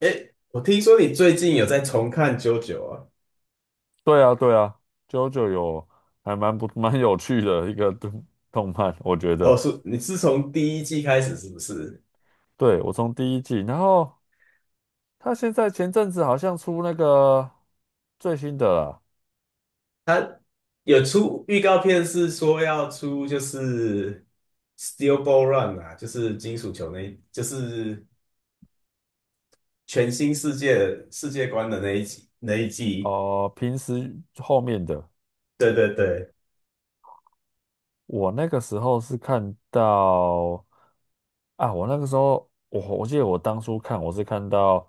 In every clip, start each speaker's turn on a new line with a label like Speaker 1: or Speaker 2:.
Speaker 1: 诶，我听说你最近有在重看《JoJo》啊？
Speaker 2: 对啊，对啊，JoJo 有还蛮不 蛮有趣的一个动漫，我觉
Speaker 1: 哦，
Speaker 2: 得。
Speaker 1: 你是从第一季开始是不是？
Speaker 2: 对，我从第一季，然后他现在前阵子好像出那个最新的啦。
Speaker 1: 他有出预告片，是说要出Steel Ball Run 啊，就是金属球那一，就是全新世界观的那一集那一季。
Speaker 2: 哦，平时后面的。
Speaker 1: 对对对，
Speaker 2: 我那个时候是看到啊，我那个时候我记得我当初看我是看到。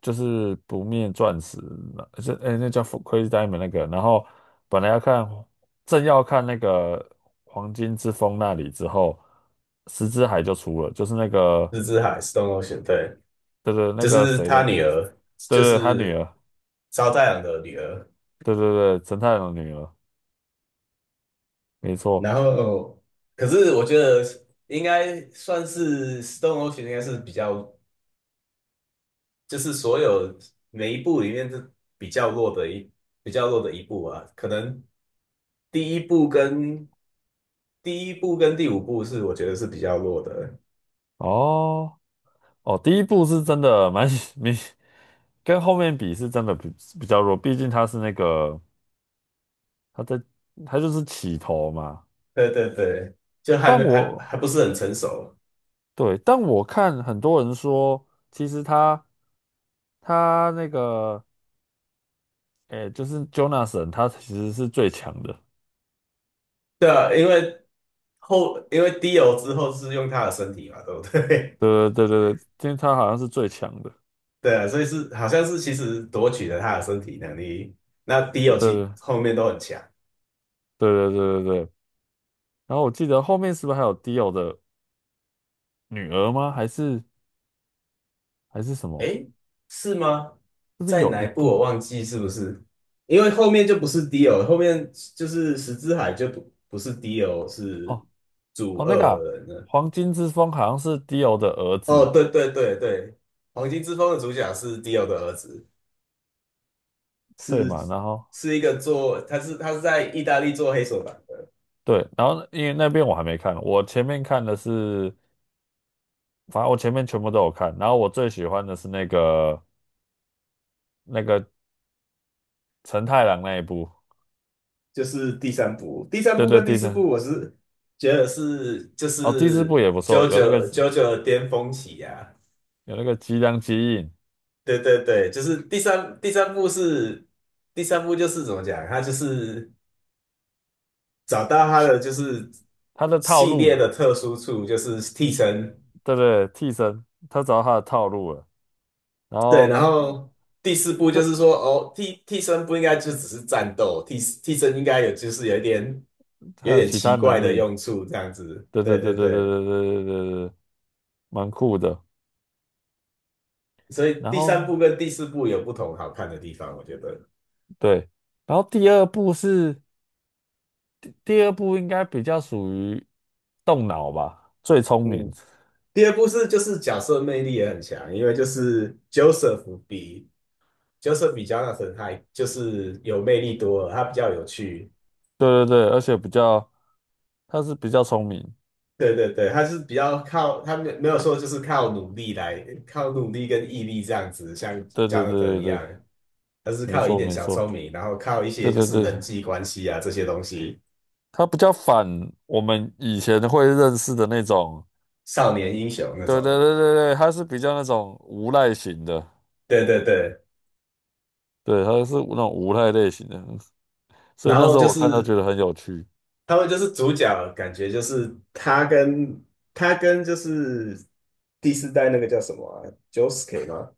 Speaker 2: 就是不灭钻石，那是哎、那叫 Crazy Diamond 那个。然后本来要看，正要看那个黄金之风那里之后，石之海就出了，就是那个，
Speaker 1: 日之海（ （Stone Ocean） 对，
Speaker 2: 对对，那
Speaker 1: 就
Speaker 2: 个
Speaker 1: 是
Speaker 2: 谁
Speaker 1: 他
Speaker 2: 的。
Speaker 1: 女儿，
Speaker 2: 对
Speaker 1: 就
Speaker 2: 对，他女
Speaker 1: 是
Speaker 2: 儿。
Speaker 1: 烧太郎的女儿。
Speaker 2: 对对对，陈太郎的女儿，没错。
Speaker 1: 然后可是我觉得应该算是《Stone Ocean》应该是比较，就是所有每一部里面是比较弱的一比较弱的一部啊。可能第一部跟第一部跟第五部是我觉得是比较弱的，
Speaker 2: 哦哦，第一部是真的蛮 明，跟后面比是真的比较弱，毕竟他是那个，他在，他就是起头嘛。
Speaker 1: 对对对，就还
Speaker 2: 但
Speaker 1: 没还
Speaker 2: 我
Speaker 1: 还不是很成熟。
Speaker 2: 对，但我看很多人说，其实他那个，哎，就是 Jonathan，他其实是最强的。
Speaker 1: 对啊，因为因为 Dio 之后是用他的身体嘛，对不对？
Speaker 2: 对对对对对，今天他好像是最强的。
Speaker 1: 对啊，所以是好像是其实夺取了他的身体能力。那 Dio 其
Speaker 2: 对
Speaker 1: 后面都很强，
Speaker 2: 对对对对对对。然后我记得后面是不是还有 Dio 的女儿吗？还是什么？
Speaker 1: 诶，是吗？
Speaker 2: 是不是
Speaker 1: 在
Speaker 2: 有
Speaker 1: 哪
Speaker 2: 一
Speaker 1: 一部我
Speaker 2: 部？
Speaker 1: 忘记是不是？因为后面就不是 Dio，后面就是十之海就不不是 Dio，是
Speaker 2: 哦
Speaker 1: 主
Speaker 2: 哦，那个啊
Speaker 1: 恶人了。
Speaker 2: 黄金之风好像是 Dio 的儿
Speaker 1: 哦，
Speaker 2: 子。
Speaker 1: 对对对对，黄金之风的主角是 Dio 的儿子，
Speaker 2: 对
Speaker 1: 是
Speaker 2: 嘛？然后
Speaker 1: 是一个做他是在意大利做黑手党，
Speaker 2: 对，然后因为那边我还没看，我前面看的是。反正我前面全部都有看，然后我最喜欢的是那个陈太郎那一部。
Speaker 1: 就是第三部，第三
Speaker 2: 对
Speaker 1: 部
Speaker 2: 对，
Speaker 1: 跟第
Speaker 2: 第
Speaker 1: 四部，
Speaker 2: 三，
Speaker 1: 我是觉得是就
Speaker 2: 哦，第四
Speaker 1: 是
Speaker 2: 部也不错，有那个
Speaker 1: JoJo 的巅峰期呀、啊。
Speaker 2: 吉良吉影，
Speaker 1: 对对对，就是第三部是第三部就是怎么讲，他就是找到他的就是
Speaker 2: 他的套
Speaker 1: 系列
Speaker 2: 路。
Speaker 1: 的特殊处，就是替身。
Speaker 2: 对对，替身，他找到他的套路了，然
Speaker 1: 对，
Speaker 2: 后
Speaker 1: 然
Speaker 2: 他，
Speaker 1: 后第四部就是
Speaker 2: 这
Speaker 1: 说，哦，替身不应该就只是战斗，替身应该有就是有
Speaker 2: 还
Speaker 1: 一
Speaker 2: 有
Speaker 1: 点
Speaker 2: 其他
Speaker 1: 奇
Speaker 2: 能
Speaker 1: 怪的
Speaker 2: 力。
Speaker 1: 用处，这样子。
Speaker 2: 对对
Speaker 1: 对
Speaker 2: 对
Speaker 1: 对
Speaker 2: 对对
Speaker 1: 对。
Speaker 2: 对对对对对，蛮酷的。
Speaker 1: 所以
Speaker 2: 然
Speaker 1: 第三
Speaker 2: 后
Speaker 1: 部跟第四部有不同好看的地方，我觉得。
Speaker 2: 对，然后第二部应该比较属于动脑吧，最聪明。
Speaker 1: 嗯，第二部是就是角色魅力也很强，因为就是 Joseph 比 Jonathan 还就是有魅力多了，他比较有趣。
Speaker 2: 对对对，而且比较，他是比较聪明。
Speaker 1: 对对对，他是比较靠他没有说就是靠努力跟毅力这样子，像
Speaker 2: 对对
Speaker 1: Jonathan
Speaker 2: 对对
Speaker 1: 一
Speaker 2: 对，
Speaker 1: 样，他是
Speaker 2: 没
Speaker 1: 靠一
Speaker 2: 错
Speaker 1: 点
Speaker 2: 没
Speaker 1: 小聪
Speaker 2: 错，
Speaker 1: 明，然后靠一
Speaker 2: 对
Speaker 1: 些就
Speaker 2: 对
Speaker 1: 是
Speaker 2: 对，
Speaker 1: 人际关系啊这些东西，
Speaker 2: 他比较反我们以前会认识的那种。
Speaker 1: 少年英雄那
Speaker 2: 对对
Speaker 1: 种。
Speaker 2: 对对对，他是比较那种无赖型的。
Speaker 1: 对对对，
Speaker 2: 对，他是那种无赖类型的，所以
Speaker 1: 然
Speaker 2: 那
Speaker 1: 后
Speaker 2: 时候
Speaker 1: 就
Speaker 2: 我看到
Speaker 1: 是
Speaker 2: 觉得很有趣。
Speaker 1: 他们就是主角，感觉就是他跟就是第四代那个叫什么 Josuke 吗？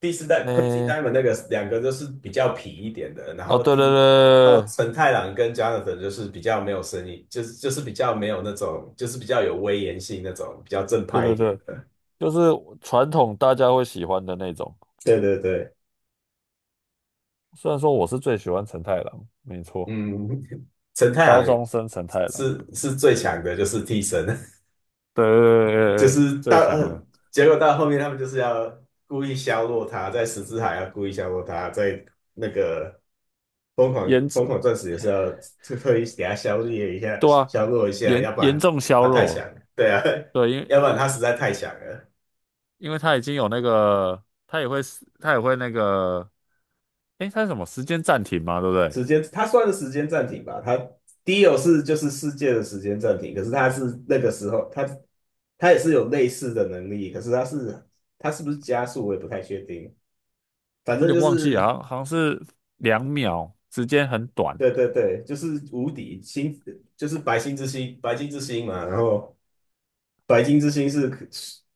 Speaker 1: 第四代 Crazy
Speaker 2: 诶，
Speaker 1: Diamond 那个两个就是比较痞一点的，然
Speaker 2: 哦，
Speaker 1: 后
Speaker 2: 对
Speaker 1: 第
Speaker 2: 对
Speaker 1: 一，然后
Speaker 2: 对
Speaker 1: 陈太郎跟 Jonathan 就是比较没有声音，就是比较没有那种，就是比较有威严性那种，比较正
Speaker 2: 对
Speaker 1: 派一
Speaker 2: 对
Speaker 1: 点
Speaker 2: 对对，
Speaker 1: 的。
Speaker 2: 就是传统大家会喜欢的那种，
Speaker 1: 对对对，
Speaker 2: 虽然说我是最喜欢陈太郎，没错，
Speaker 1: 嗯，陈太
Speaker 2: 高
Speaker 1: 郎
Speaker 2: 中生陈太郎。
Speaker 1: 是最强的，就是替身。
Speaker 2: 对对
Speaker 1: 就
Speaker 2: 对对对，
Speaker 1: 是到
Speaker 2: 最强了，
Speaker 1: 结果到后面他们就是要故意削弱他，在十字海要故意削弱他，在那个
Speaker 2: 颜
Speaker 1: 疯
Speaker 2: 值。
Speaker 1: 狂钻石也是要特意给他削弱一下，
Speaker 2: 对啊，
Speaker 1: 削弱一下，要不
Speaker 2: 严
Speaker 1: 然
Speaker 2: 重削
Speaker 1: 他太强
Speaker 2: 弱。
Speaker 1: 了，对啊，
Speaker 2: 对，因
Speaker 1: 要不然他
Speaker 2: 为
Speaker 1: 实在太强了。
Speaker 2: 他已经有那个，他也会那个，诶，他是什么时间暂停嘛，对不对？
Speaker 1: 时间，他算是时间暂停吧，他 Dio 是就是世界的时间暂停，可是他是那个时候，他他也是有类似的能力，可是他是他是不是加速我也不太确定，反
Speaker 2: 我有
Speaker 1: 正
Speaker 2: 点
Speaker 1: 就
Speaker 2: 忘记
Speaker 1: 是。
Speaker 2: 了，好像是2秒，时间很短。
Speaker 1: 对对对，就是无敌星，就是，白金之星嘛。然后白金之星是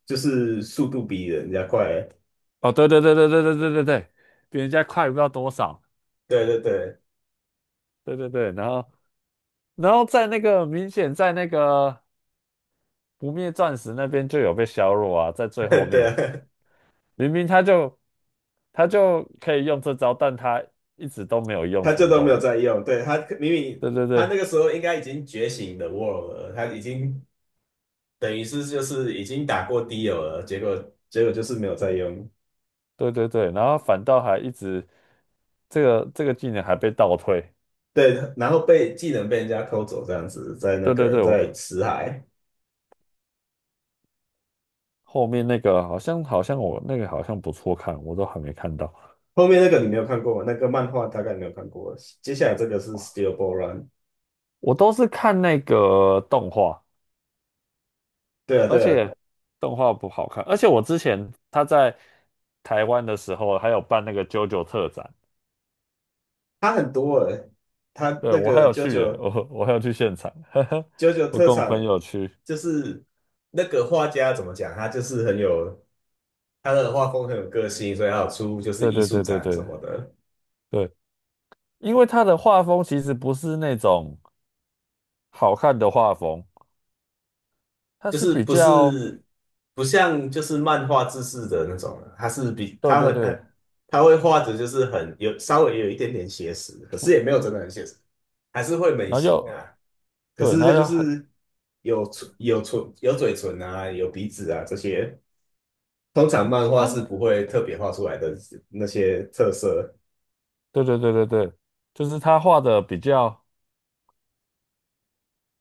Speaker 1: 就是速度比人家快。
Speaker 2: 哦，对对对对对对对对对，比人家快不知道多少。
Speaker 1: 对对对
Speaker 2: 对对对，然后在那个，明显在那个不灭钻石那边就有被削弱啊，在最后
Speaker 1: 对
Speaker 2: 面。
Speaker 1: 啊，
Speaker 2: 明明他就可以用这招，但他一直都没有用
Speaker 1: 他就
Speaker 2: 成
Speaker 1: 都没
Speaker 2: 功。
Speaker 1: 有在用。对他明明
Speaker 2: 对对
Speaker 1: 他
Speaker 2: 对，
Speaker 1: 那个时候应该已经觉醒的 World 了，他已经等于是就是已经打过 Dio 了，结果就是没有在用。
Speaker 2: 对对对，然后反倒还一直这个技能还被倒退。
Speaker 1: 对，然后被技能被人家偷走这样子，在那
Speaker 2: 对对
Speaker 1: 个
Speaker 2: 对，我
Speaker 1: 在辞海。
Speaker 2: 后面那个好像我那个好像不错看，我都还没看到。
Speaker 1: 后面那个你没有看过吗？那个漫画大概没有看过。接下来这个是 Steel Ball Run，
Speaker 2: 我都是看那个动画，
Speaker 1: 对啊，
Speaker 2: 而
Speaker 1: 对啊，
Speaker 2: 且动画不好看。而且我之前他在台湾的时候还有办那个 JoJo 特展。
Speaker 1: 他很多诶，它
Speaker 2: 对
Speaker 1: 那
Speaker 2: 我还
Speaker 1: 个
Speaker 2: 有去耶，我还有去现场，呵呵，
Speaker 1: JoJo
Speaker 2: 我
Speaker 1: 特
Speaker 2: 跟我
Speaker 1: 产
Speaker 2: 朋友去。
Speaker 1: 就是那个画家怎么讲，他就是很有他的画风很有个性，所以他有出就是
Speaker 2: 对
Speaker 1: 艺
Speaker 2: 对
Speaker 1: 术
Speaker 2: 对对
Speaker 1: 展什
Speaker 2: 对
Speaker 1: 么的，
Speaker 2: 对，因为他的画风其实不是那种好看的画风。他
Speaker 1: 就
Speaker 2: 是
Speaker 1: 是
Speaker 2: 比较，
Speaker 1: 不像就是漫画制式的那种，他是比
Speaker 2: 对
Speaker 1: 他
Speaker 2: 对
Speaker 1: 很
Speaker 2: 对，
Speaker 1: 很他会画的就是很有稍微有一点点写实，可是也没有真的很写实，还是会美
Speaker 2: 然后
Speaker 1: 型
Speaker 2: 又，
Speaker 1: 啊，可
Speaker 2: 对，
Speaker 1: 是
Speaker 2: 然
Speaker 1: 他
Speaker 2: 后
Speaker 1: 就
Speaker 2: 又很
Speaker 1: 是有嘴唇啊，有鼻子啊这些。通常漫画是
Speaker 2: 他，
Speaker 1: 不会特别画出来的那些特色。
Speaker 2: 对对对对对，就是他画的比较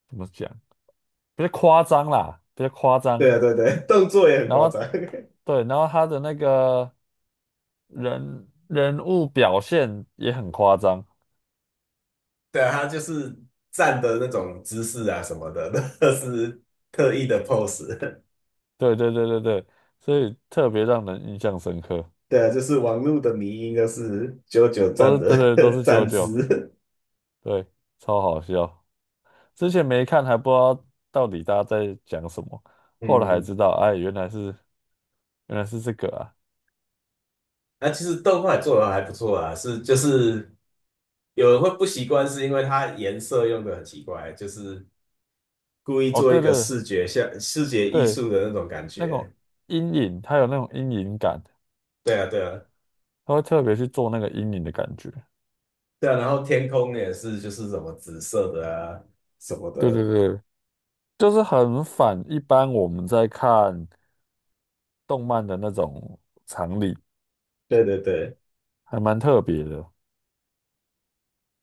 Speaker 2: 怎么讲，比较夸张啦，比较夸张。
Speaker 1: 对啊，对对，动作也很
Speaker 2: 然
Speaker 1: 夸
Speaker 2: 后
Speaker 1: 张。
Speaker 2: 对，然后他的那个人物表现也很夸张。
Speaker 1: 对啊，他就是站的那种姿势啊什么的，那是特意的 pose。
Speaker 2: 对对对对对，所以特别让人印象深刻。
Speaker 1: 对啊，就是网络的迷因，就是九九
Speaker 2: 都
Speaker 1: 站
Speaker 2: 是对对，都
Speaker 1: 的
Speaker 2: 是九
Speaker 1: 站
Speaker 2: 九。
Speaker 1: 姿。
Speaker 2: 对，超好笑。之前没看还不知道到底大家在讲什么，后来才知
Speaker 1: 嗯，
Speaker 2: 道。哎，原来是这个啊。
Speaker 1: 那啊其实动画做的还不错啊，是就是有人会不习惯，是因为它颜色用的很奇怪，就是故意
Speaker 2: 哦，
Speaker 1: 做一
Speaker 2: 对
Speaker 1: 个
Speaker 2: 对
Speaker 1: 视觉艺
Speaker 2: 对，
Speaker 1: 术的那种感
Speaker 2: 那
Speaker 1: 觉。
Speaker 2: 种阴影，它有那种阴影感，
Speaker 1: 对啊，对啊，
Speaker 2: 它会特别去做那个阴影的感觉。
Speaker 1: 对啊，然后天空也是就是什么紫色的啊什么
Speaker 2: 对对
Speaker 1: 的，
Speaker 2: 对，就是很反一般我们在看动漫的那种常理，
Speaker 1: 对对对。
Speaker 2: 还蛮特别的。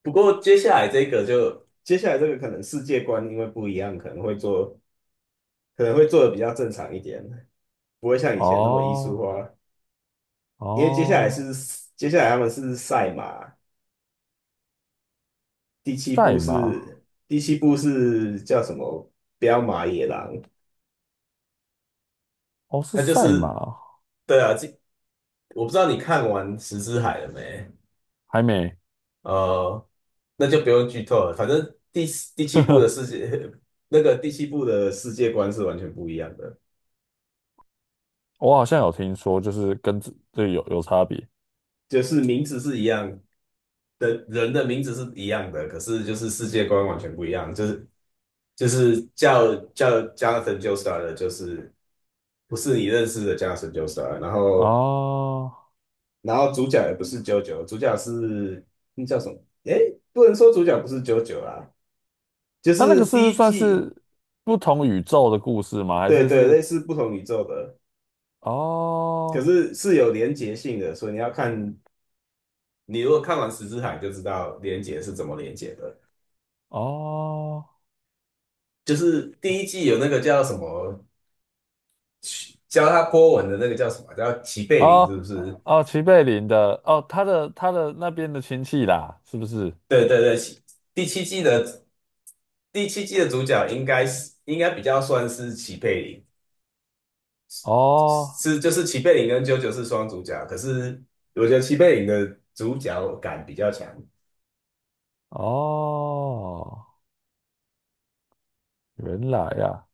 Speaker 1: 不过接下来这个可能世界观因为不一样，可能会做的比较正常一点，不会像以前那么艺
Speaker 2: 哦
Speaker 1: 术化。因为
Speaker 2: 哦，
Speaker 1: 接下来他们是赛马，
Speaker 2: 赛马。
Speaker 1: 第七部是叫什么？彪马野狼，
Speaker 2: 哦是
Speaker 1: 它就
Speaker 2: 赛
Speaker 1: 是
Speaker 2: 马。
Speaker 1: 对啊，这我不知道你看完《十之海》了没？
Speaker 2: 还没。
Speaker 1: 呃，那就不用剧透了。反正第七部的世界，那个第七部的世界观是完全不一样的，
Speaker 2: 我好像有听说，就是跟这有差别。
Speaker 1: 就是名字是一样的，人的名字是一样的，可是就是世界观完全不一样，就是叫 Jonathan j o s t a r 的，就是不是你认识的 Jonathan j o s t a r 然后
Speaker 2: 哦，
Speaker 1: 然后主角也不是 JoJo，主角是那叫什么？诶，不能说主角不是 JoJo 啦，就
Speaker 2: 它那个
Speaker 1: 是
Speaker 2: 是不
Speaker 1: 第
Speaker 2: 是
Speaker 1: 一
Speaker 2: 算
Speaker 1: 季，
Speaker 2: 是不同宇宙的故事吗？还
Speaker 1: 对
Speaker 2: 是
Speaker 1: 对，
Speaker 2: 是？
Speaker 1: 类似不同宇宙的。可
Speaker 2: 哦
Speaker 1: 是是有连结性的，所以你要看，你如果看完《十之海》就知道连结是怎么连结的。
Speaker 2: 哦
Speaker 1: 就是第一季有那个叫什么，教他波纹的那个叫什么，叫齐贝林，是不
Speaker 2: 哦
Speaker 1: 是？
Speaker 2: 哦，哦齐贝林的哦，他的那边的亲戚啦，是不是？
Speaker 1: 对对对，第七季的第七季的主角应该是应该比较算是齐贝林，
Speaker 2: 哦
Speaker 1: 是就是齐贝林跟啾啾是双主角，可是我觉得齐贝林的主角感比较强。
Speaker 2: 哦，原来呀，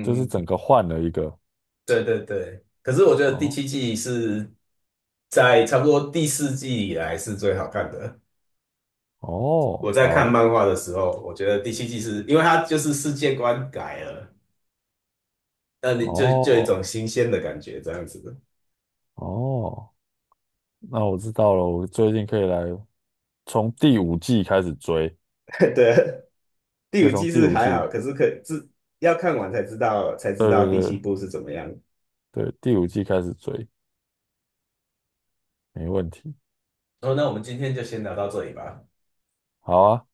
Speaker 2: 就是整
Speaker 1: 嗯
Speaker 2: 个换了一个。
Speaker 1: 对对对，可是我觉得第
Speaker 2: 哦
Speaker 1: 七季是在差不多第四季以来是最好看的。我
Speaker 2: 哦，
Speaker 1: 在看
Speaker 2: 好，
Speaker 1: 漫画的时候，我觉得第七季是因为它就是世界观改了，那你就就有一种
Speaker 2: 哦
Speaker 1: 新鲜的感觉这样子的。
Speaker 2: 哦，那我知道了。我最近可以来从第五季开始追，
Speaker 1: 对，第
Speaker 2: 可以
Speaker 1: 五
Speaker 2: 从
Speaker 1: 季
Speaker 2: 第
Speaker 1: 是
Speaker 2: 五
Speaker 1: 还
Speaker 2: 季。
Speaker 1: 好，可是可自要看完才知
Speaker 2: 对
Speaker 1: 道
Speaker 2: 对
Speaker 1: 第七
Speaker 2: 对
Speaker 1: 部是怎么样。
Speaker 2: 对，第五季开始追，没问题。
Speaker 1: 哦，那我们今天就先聊到这里吧。
Speaker 2: 好啊。